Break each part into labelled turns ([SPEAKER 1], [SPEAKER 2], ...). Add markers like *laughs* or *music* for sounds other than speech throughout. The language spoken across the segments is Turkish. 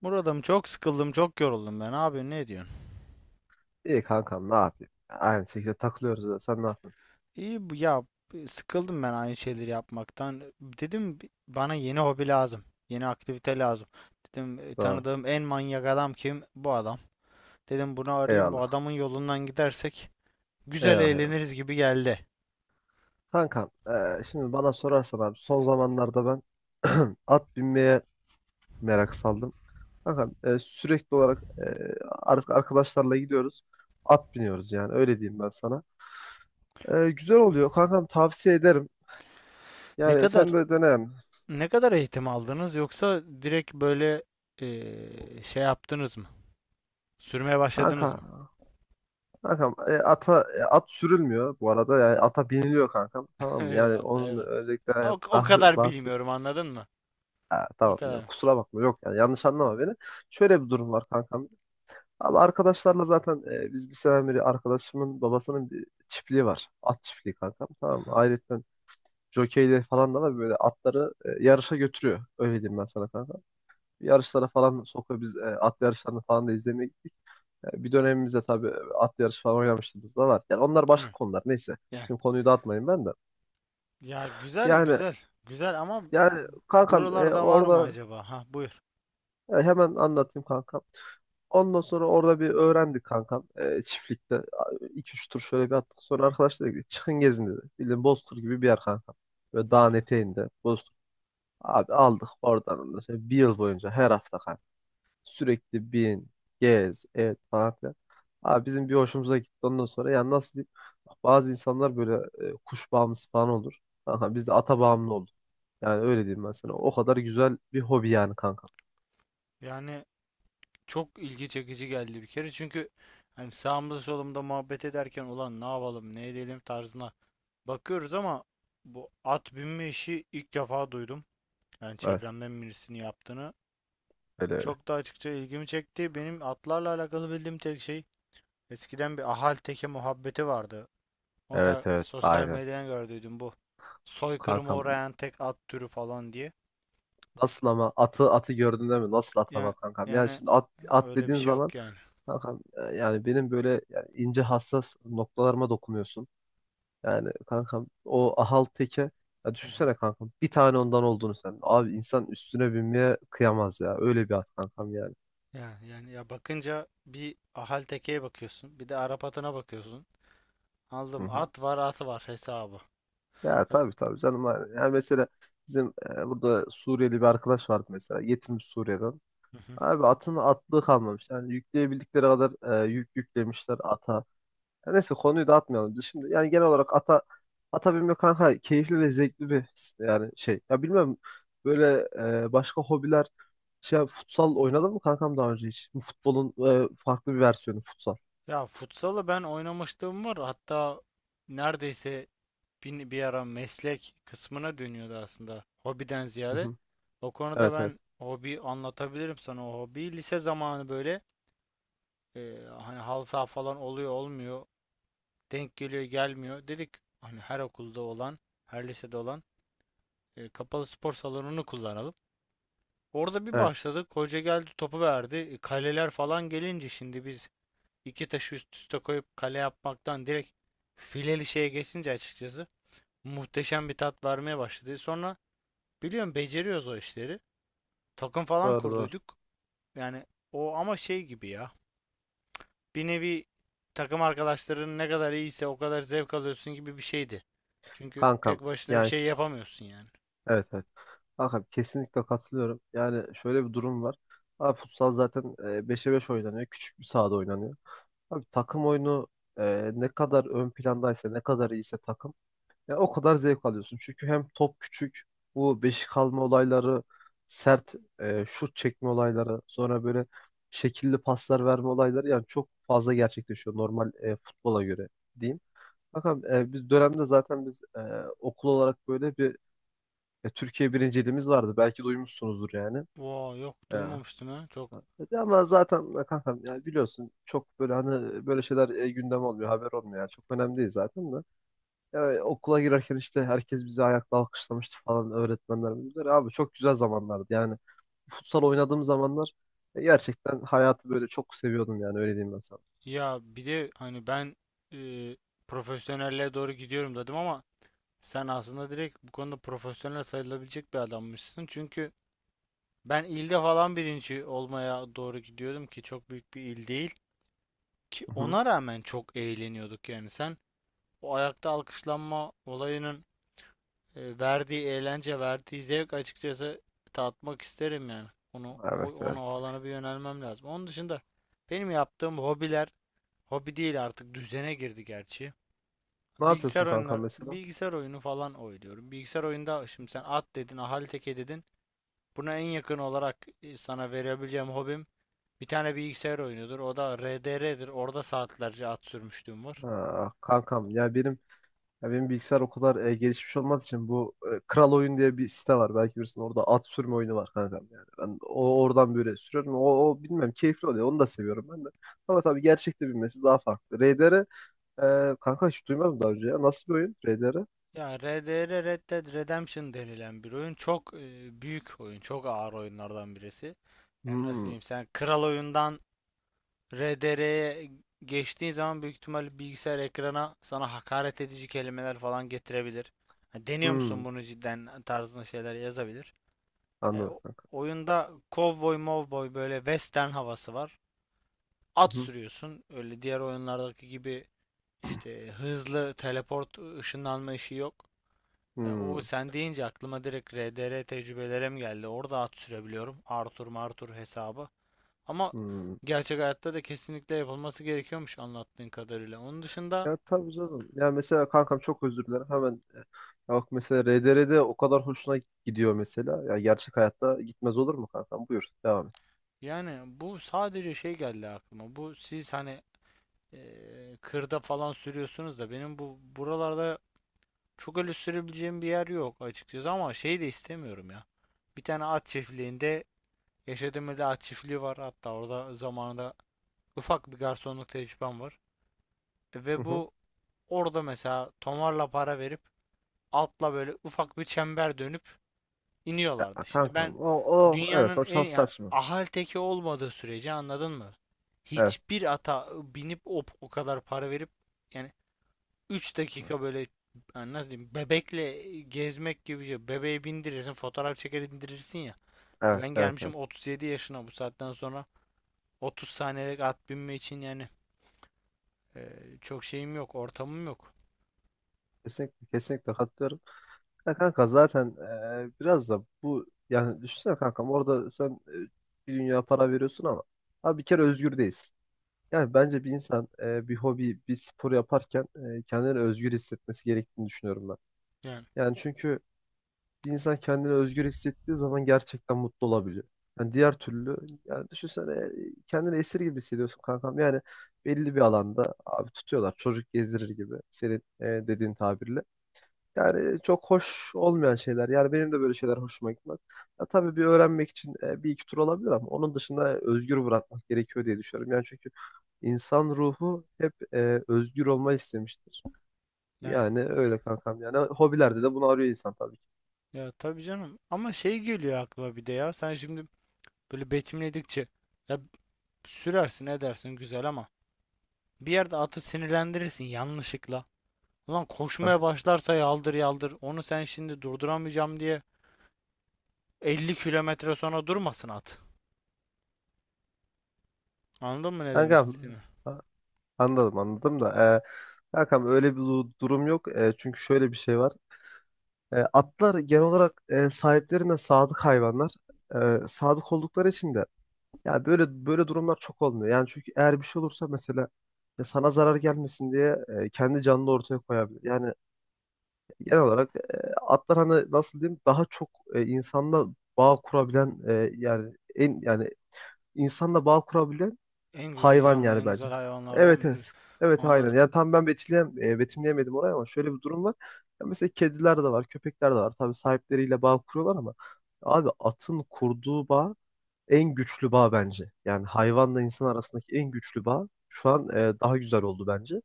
[SPEAKER 1] Muradım çok sıkıldım, çok yoruldum ben. Abi ne diyorsun?
[SPEAKER 2] İyi kankam, ne yapayım? Aynı şekilde takılıyoruz da sen ne yapıyorsun?
[SPEAKER 1] İyi bu ya. Sıkıldım ben aynı şeyleri yapmaktan. Dedim bana yeni hobi lazım. Yeni aktivite lazım. Dedim
[SPEAKER 2] Doğru.
[SPEAKER 1] tanıdığım en manyak adam kim? Bu adam. Dedim bunu arayayım. Bu
[SPEAKER 2] Eyvallah.
[SPEAKER 1] adamın yolundan gidersek güzel
[SPEAKER 2] Eyvallah, eyvallah.
[SPEAKER 1] eğleniriz gibi geldi.
[SPEAKER 2] Kankam şimdi bana sorarsan abi son zamanlarda ben *clears throat* at binmeye merak saldım. Kankam sürekli olarak arkadaşlarla gidiyoruz. At biniyoruz, yani öyle diyeyim ben sana. Güzel oluyor kankam, tavsiye ederim.
[SPEAKER 1] Ne
[SPEAKER 2] Yani
[SPEAKER 1] kadar
[SPEAKER 2] sen de dene yani.
[SPEAKER 1] ne kadar eğitim aldınız, yoksa direkt böyle şey yaptınız mı? Sürmeye
[SPEAKER 2] Kanka,
[SPEAKER 1] başladınız mı?
[SPEAKER 2] kankam, ata at sürülmüyor bu arada, yani ata biniliyor kankam,
[SPEAKER 1] *laughs*
[SPEAKER 2] tamam mı? Yani
[SPEAKER 1] Eyvallah,
[SPEAKER 2] onun
[SPEAKER 1] eyvallah.
[SPEAKER 2] özellikle
[SPEAKER 1] Ya o kadar bilmiyorum,
[SPEAKER 2] bahsediyorum.
[SPEAKER 1] anladın mı?
[SPEAKER 2] Ha,
[SPEAKER 1] O
[SPEAKER 2] tamam,
[SPEAKER 1] kadar.
[SPEAKER 2] yok kusura bakma, yok yani yanlış anlama beni. Şöyle bir durum var kankam. Abi arkadaşlarla zaten biz liseden beri arkadaşımın babasının bir çiftliği var. At çiftliği kankam, tamam mı?
[SPEAKER 1] Aha.
[SPEAKER 2] Ayrıca jokeyleri falan da var, böyle atları yarışa götürüyor. Öyle diyeyim ben sana kanka. Yarışlara falan sokuyor, biz at yarışlarını falan da izlemeye gittik. Bir dönemimizde tabii at yarışı falan oynamışlığımız da var. Yani onlar başka
[SPEAKER 1] Hı.
[SPEAKER 2] konular, neyse.
[SPEAKER 1] Ya
[SPEAKER 2] Şimdi konuyu dağıtmayayım ben de.
[SPEAKER 1] Ya güzel
[SPEAKER 2] Yani
[SPEAKER 1] güzel güzel ama
[SPEAKER 2] yani kankam
[SPEAKER 1] buralarda var mı
[SPEAKER 2] orada.
[SPEAKER 1] acaba? Ha, buyur.
[SPEAKER 2] Ya hemen anlatayım kankam. Ondan sonra orada bir öğrendik kankam. Çiftlikte iki üç tur şöyle bir attık. Sonra arkadaşlar dedi ki çıkın gezin dedi. Bildiğin Bozkır gibi bir yer kankam. Böyle dağın
[SPEAKER 1] Güzel.
[SPEAKER 2] eteğinde Bozkır. Abi aldık oradan, ondan sonra bir yıl boyunca her hafta kanka. Sürekli bin, gez, et falan filan. Abi bizim bir hoşumuza gitti ondan sonra. Yani nasıl diyeyim? Bak, bazı insanlar böyle kuş bağımlısı falan olur. Kanka biz de ata bağımlı olduk. Yani öyle diyeyim ben sana. O kadar güzel bir hobi yani kanka.
[SPEAKER 1] Yani çok ilgi çekici geldi bir kere. Çünkü hani sağımda solumda muhabbet ederken ulan ne yapalım ne edelim tarzına bakıyoruz ama bu at binme işi ilk defa duydum. Yani
[SPEAKER 2] Evet.
[SPEAKER 1] çevremden birisinin yaptığını.
[SPEAKER 2] Öyle öyle.
[SPEAKER 1] Çok da açıkça ilgimi çekti. Benim atlarla alakalı bildiğim tek şey, eskiden bir ahal teke muhabbeti vardı. Onu
[SPEAKER 2] Evet
[SPEAKER 1] da
[SPEAKER 2] evet
[SPEAKER 1] sosyal
[SPEAKER 2] aynen.
[SPEAKER 1] medyadan gördüydüm bu. Soykırıma
[SPEAKER 2] Kankam
[SPEAKER 1] uğrayan tek at türü falan diye.
[SPEAKER 2] nasıl ama, atı gördün değil mi? Nasıl ata
[SPEAKER 1] Yani
[SPEAKER 2] bak kankam. Yani
[SPEAKER 1] yani
[SPEAKER 2] şimdi at, at
[SPEAKER 1] öyle bir
[SPEAKER 2] dediğin
[SPEAKER 1] şey
[SPEAKER 2] zaman
[SPEAKER 1] yok yani.
[SPEAKER 2] kankam, yani benim böyle yani ince hassas noktalarıma dokunuyorsun. Yani kankam o ahal teke, ya
[SPEAKER 1] Hı hı.
[SPEAKER 2] düşünsene kankam bir tane ondan olduğunu sen. Abi insan üstüne binmeye kıyamaz ya. Öyle bir at kankam yani.
[SPEAKER 1] Yani ya, bakınca bir ahal tekeye bakıyorsun, bir de Arap atına bakıyorsun.
[SPEAKER 2] Hı
[SPEAKER 1] Aldım
[SPEAKER 2] hı.
[SPEAKER 1] at var, atı var hesabı.
[SPEAKER 2] Ya
[SPEAKER 1] Ha,
[SPEAKER 2] tabii tabii canım. Yani mesela bizim burada Suriyeli bir arkadaş vardı mesela. Getirmiş Suriye'den.
[SPEAKER 1] hı hı.
[SPEAKER 2] Abi atın atlığı kalmamış. Yani yükleyebildikleri kadar yük yüklemişler ata. Ya neyse konuyu da atmayalım. Biz şimdi yani genel olarak ata binmek kanka keyifli ve zevkli bir, yani şey. Ya bilmem böyle başka hobiler, şey, futsal oynadın mı kankam daha önce hiç? Futbolun farklı bir versiyonu futsal.
[SPEAKER 1] Ya futsalı ben oynamışlığım var. Hatta neredeyse bir ara meslek kısmına dönüyordu aslında. Hobiden
[SPEAKER 2] Hı
[SPEAKER 1] ziyade.
[SPEAKER 2] hı.
[SPEAKER 1] O konuda
[SPEAKER 2] Evet evet.
[SPEAKER 1] ben hobi anlatabilirim sana. O hobi lise zamanı böyle. Hani halı saha falan oluyor olmuyor. Denk geliyor gelmiyor. Dedik hani her okulda olan, her lisede olan kapalı spor salonunu kullanalım. Orada bir
[SPEAKER 2] Evet.
[SPEAKER 1] başladık. Hoca geldi, topu verdi. Kaleler falan gelince şimdi biz iki taşı üst üste koyup kale yapmaktan direkt fileli şeye geçince, açıkçası muhteşem bir tat vermeye başladı. Sonra biliyorum beceriyoruz o işleri. Takım falan
[SPEAKER 2] Doğru doğru.
[SPEAKER 1] kurduyduk. Yani o ama şey gibi ya, bir nevi, takım arkadaşların ne kadar iyiyse o kadar zevk alıyorsun gibi bir şeydi. Çünkü
[SPEAKER 2] Kankam.
[SPEAKER 1] tek başına bir
[SPEAKER 2] Yani
[SPEAKER 1] şey
[SPEAKER 2] ki-
[SPEAKER 1] yapamıyorsun yani.
[SPEAKER 2] evet evet. Kankam kesinlikle katılıyorum. Yani şöyle bir durum var. Abi futsal zaten 5'e 5 oynanıyor. Küçük bir sahada oynanıyor. Abi takım oyunu ne kadar ön plandaysa, ne kadar iyiyse takım, ya o kadar zevk alıyorsun. Çünkü hem top küçük, bu beşik alma olayları, sert şut çekme olayları, sonra böyle şekilli paslar verme olayları yani çok fazla gerçekleşiyor, normal futbola göre diyeyim. Bakalım, biz dönemde zaten biz okul olarak böyle bir Türkiye birinciliğimiz vardı. Belki duymuşsunuzdur yani.
[SPEAKER 1] Wow, yok
[SPEAKER 2] E,
[SPEAKER 1] duymamıştım ha. Çok
[SPEAKER 2] Ama zaten kankam yani biliyorsun çok böyle hani böyle şeyler gündem olmuyor, haber olmuyor. Yani çok önemli değil zaten de. Yani okula girerken işte herkes bizi ayakla alkışlamıştı falan, öğretmenlerimiz. Böyle, abi çok güzel zamanlardı yani. Futsal oynadığım zamanlar gerçekten hayatı böyle çok seviyordum, yani öyle diyeyim ben sana.
[SPEAKER 1] ya, bir de hani ben e, profesyonelliğe doğru gidiyorum dedim ama sen aslında direkt bu konuda profesyonel sayılabilecek bir adammışsın. Çünkü ben ilde falan birinci olmaya doğru gidiyordum ki çok büyük bir il değil. Ki
[SPEAKER 2] Hı hı.
[SPEAKER 1] ona rağmen çok eğleniyorduk yani. Sen o ayakta alkışlanma olayının verdiği eğlence, verdiği zevk açıkçası tatmak isterim yani. Onu o,
[SPEAKER 2] Evet
[SPEAKER 1] onu
[SPEAKER 2] evet.
[SPEAKER 1] o alana bir yönelmem lazım. Onun dışında benim yaptığım hobiler hobi değil, artık düzene girdi gerçi.
[SPEAKER 2] Ne
[SPEAKER 1] Bilgisayar
[SPEAKER 2] yapıyorsun kankam
[SPEAKER 1] oyunlar
[SPEAKER 2] mesela?
[SPEAKER 1] bilgisayar oyunu falan oynuyorum. Bilgisayar oyunda şimdi sen at dedin, ahali teke dedin. Buna en yakın olarak sana verebileceğim hobim bir tane bilgisayar oyunudur. O da RDR'dir. Orada saatlerce at sürmüşlüğüm var.
[SPEAKER 2] Ha, kankam, ya benim bilgisayar o kadar gelişmiş olmadığı için bu, Kral Oyun diye bir site var. Belki bilirsin, orada at sürme oyunu var kankam yani. Ben oradan böyle sürüyorum. O, o bilmem keyifli oluyor. Onu da seviyorum ben de. Ama tabii gerçekte bilmesi daha farklı. RDR kanka hiç duymadım daha önce ya. Nasıl bir oyun RDR?
[SPEAKER 1] Ya RDR, Red Dead Redemption denilen bir oyun, çok büyük oyun, çok ağır oyunlardan birisi. Yani nasıl
[SPEAKER 2] Hmm,
[SPEAKER 1] diyeyim, sen kral oyundan RDR'ye geçtiğin zaman büyük ihtimalle bilgisayar ekrana sana hakaret edici kelimeler falan getirebilir. Ha, deniyor
[SPEAKER 2] hmm.
[SPEAKER 1] musun bunu cidden tarzında şeyler yazabilir. E,
[SPEAKER 2] Anladım
[SPEAKER 1] o-
[SPEAKER 2] kanka.
[SPEAKER 1] oyunda cowboy mowboy böyle western havası var. At
[SPEAKER 2] Hı,
[SPEAKER 1] sürüyorsun. Öyle diğer oyunlardaki gibi işte hızlı teleport ışınlanma işi yok. O
[SPEAKER 2] Hmm,
[SPEAKER 1] sen deyince aklıma direkt RDR tecrübelerim geldi. Orada at sürebiliyorum. Arthur Martur hesabı. Ama
[SPEAKER 2] hmm.
[SPEAKER 1] gerçek hayatta da kesinlikle yapılması gerekiyormuş anlattığın kadarıyla. Onun dışında
[SPEAKER 2] Ya tabii canım. Ya mesela kankam çok özür dilerim. Hemen ya bak mesela RDR'de o kadar hoşuna gidiyor mesela. Ya gerçek hayatta gitmez olur mu kankam? Buyur devam et.
[SPEAKER 1] yani, bu sadece şey geldi aklıma. Bu siz hani kırda falan sürüyorsunuz da benim bu buralarda çok öyle sürebileceğim bir yer yok açıkçası, ama şey de istemiyorum ya. Bir tane at çiftliğinde, yaşadığım ilde at çiftliği var. Hatta orada zamanında ufak bir garsonluk tecrübem var. E,
[SPEAKER 2] Hı
[SPEAKER 1] Ve
[SPEAKER 2] hı.
[SPEAKER 1] bu Orada mesela tomarla para verip altla böyle ufak bir çember dönüp
[SPEAKER 2] Ya
[SPEAKER 1] iniyorlardı. Şimdi ben
[SPEAKER 2] kankam, o, o evet
[SPEAKER 1] dünyanın
[SPEAKER 2] o
[SPEAKER 1] en,
[SPEAKER 2] çalsar
[SPEAKER 1] yani
[SPEAKER 2] saçma.
[SPEAKER 1] ahal teki olmadığı sürece anladın mı?
[SPEAKER 2] Evet.
[SPEAKER 1] Hiçbir ata binip o kadar para verip yani 3
[SPEAKER 2] Evet
[SPEAKER 1] dakika böyle, yani nasıl diyeyim, bebekle gezmek gibi bir şey. Bebeği bindirirsin, fotoğraf çeker indirirsin ya. Ya
[SPEAKER 2] evet
[SPEAKER 1] ben
[SPEAKER 2] evet.
[SPEAKER 1] gelmişim
[SPEAKER 2] evet.
[SPEAKER 1] 37 yaşına, bu saatten sonra 30 saniyelik at binme için yani e, çok şeyim yok, ortamım yok.
[SPEAKER 2] Kesinlikle, kesinlikle katılıyorum. Ya kanka zaten biraz da bu, yani düşünsene kankam orada sen bir dünya para veriyorsun ama abi bir kere özgür değilsin. Yani bence bir insan bir hobi, bir spor yaparken kendini özgür hissetmesi gerektiğini düşünüyorum ben.
[SPEAKER 1] Yani
[SPEAKER 2] Yani çünkü bir insan kendini özgür hissettiği zaman gerçekten mutlu olabiliyor. Yani diğer türlü yani düşünsene, kendini esir gibi hissediyorsun kankam. Yani belli bir alanda abi tutuyorlar, çocuk gezdirir gibi senin, dediğin tabirle. Yani çok hoş olmayan şeyler. Yani benim de böyle şeyler hoşuma gitmez. Ya tabii bir öğrenmek için bir iki tur olabilir ama onun dışında özgür bırakmak gerekiyor diye düşünüyorum. Yani çünkü insan ruhu hep özgür olmayı istemiştir.
[SPEAKER 1] yani
[SPEAKER 2] Yani öyle kankam. Yani hobilerde de bunu arıyor insan tabii ki.
[SPEAKER 1] ya tabii canım. Ama şey geliyor aklıma bir de ya. Sen şimdi böyle betimledikçe ya, sürersin edersin güzel ama bir yerde atı sinirlendirirsin yanlışlıkla. Ulan koşmaya
[SPEAKER 2] Evet.
[SPEAKER 1] başlarsa yaldır yaldır. Onu sen şimdi durduramayacağım diye 50 kilometre sonra durmasın at. Anladın mı ne demek
[SPEAKER 2] Kankam,
[SPEAKER 1] istediğimi?
[SPEAKER 2] a- anladım da kankam öyle bir durum yok. Çünkü şöyle bir şey var. Atlar genel olarak sahiplerine sadık hayvanlar. Sadık oldukları için de ya böyle durumlar çok olmuyor. Yani çünkü eğer bir şey olursa mesela ya sana zarar gelmesin diye kendi canını ortaya koyabilir. Yani genel olarak atlar hani nasıl diyeyim daha çok, insanla bağ kurabilen, e, yani en yani insanla bağ kurabilen
[SPEAKER 1] En güzel
[SPEAKER 2] hayvan
[SPEAKER 1] canlı,
[SPEAKER 2] yani
[SPEAKER 1] en
[SPEAKER 2] bence.
[SPEAKER 1] güzel
[SPEAKER 2] Evet
[SPEAKER 1] hayvanlardan biri.
[SPEAKER 2] evet. Evet aynen.
[SPEAKER 1] Anladım.
[SPEAKER 2] Yani tam ben betimleyemedim orayı ama şöyle bir durum var. Ya mesela kediler de var, köpekler de var. Tabii sahipleriyle bağ kuruyorlar ama abi atın kurduğu bağ en güçlü bağ bence. Yani hayvanla insan arasındaki en güçlü bağ şu an daha güzel oldu bence.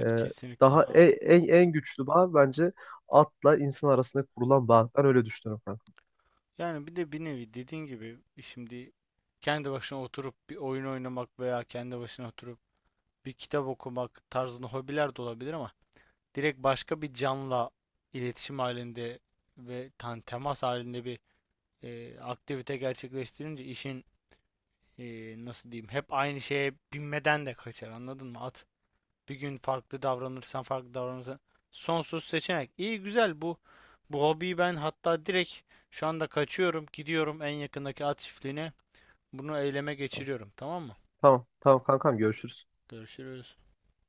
[SPEAKER 2] E,
[SPEAKER 1] kesinlikle. Aa.
[SPEAKER 2] en güçlü bağ bence atla insan arasında kurulan bağ. Ben öyle düşünüyorum kankam.
[SPEAKER 1] Yani bir de bir nevi dediğin gibi şimdi kendi başına oturup bir oyun oynamak veya kendi başına oturup bir kitap okumak tarzında hobiler de olabilir ama direkt başka bir canla iletişim halinde ve temas halinde bir aktivite gerçekleştirince işin e, nasıl diyeyim, hep aynı şeye binmeden de kaçar anladın mı? At bir gün farklı davranırsan sonsuz seçenek. İyi güzel bu hobiyi ben hatta direkt şu anda kaçıyorum gidiyorum en yakındaki at çiftliğine, bunu eyleme
[SPEAKER 2] Tamam.
[SPEAKER 1] geçiriyorum tamam mı?
[SPEAKER 2] Tamam tamam kankam, görüşürüz.
[SPEAKER 1] Görüşürüz.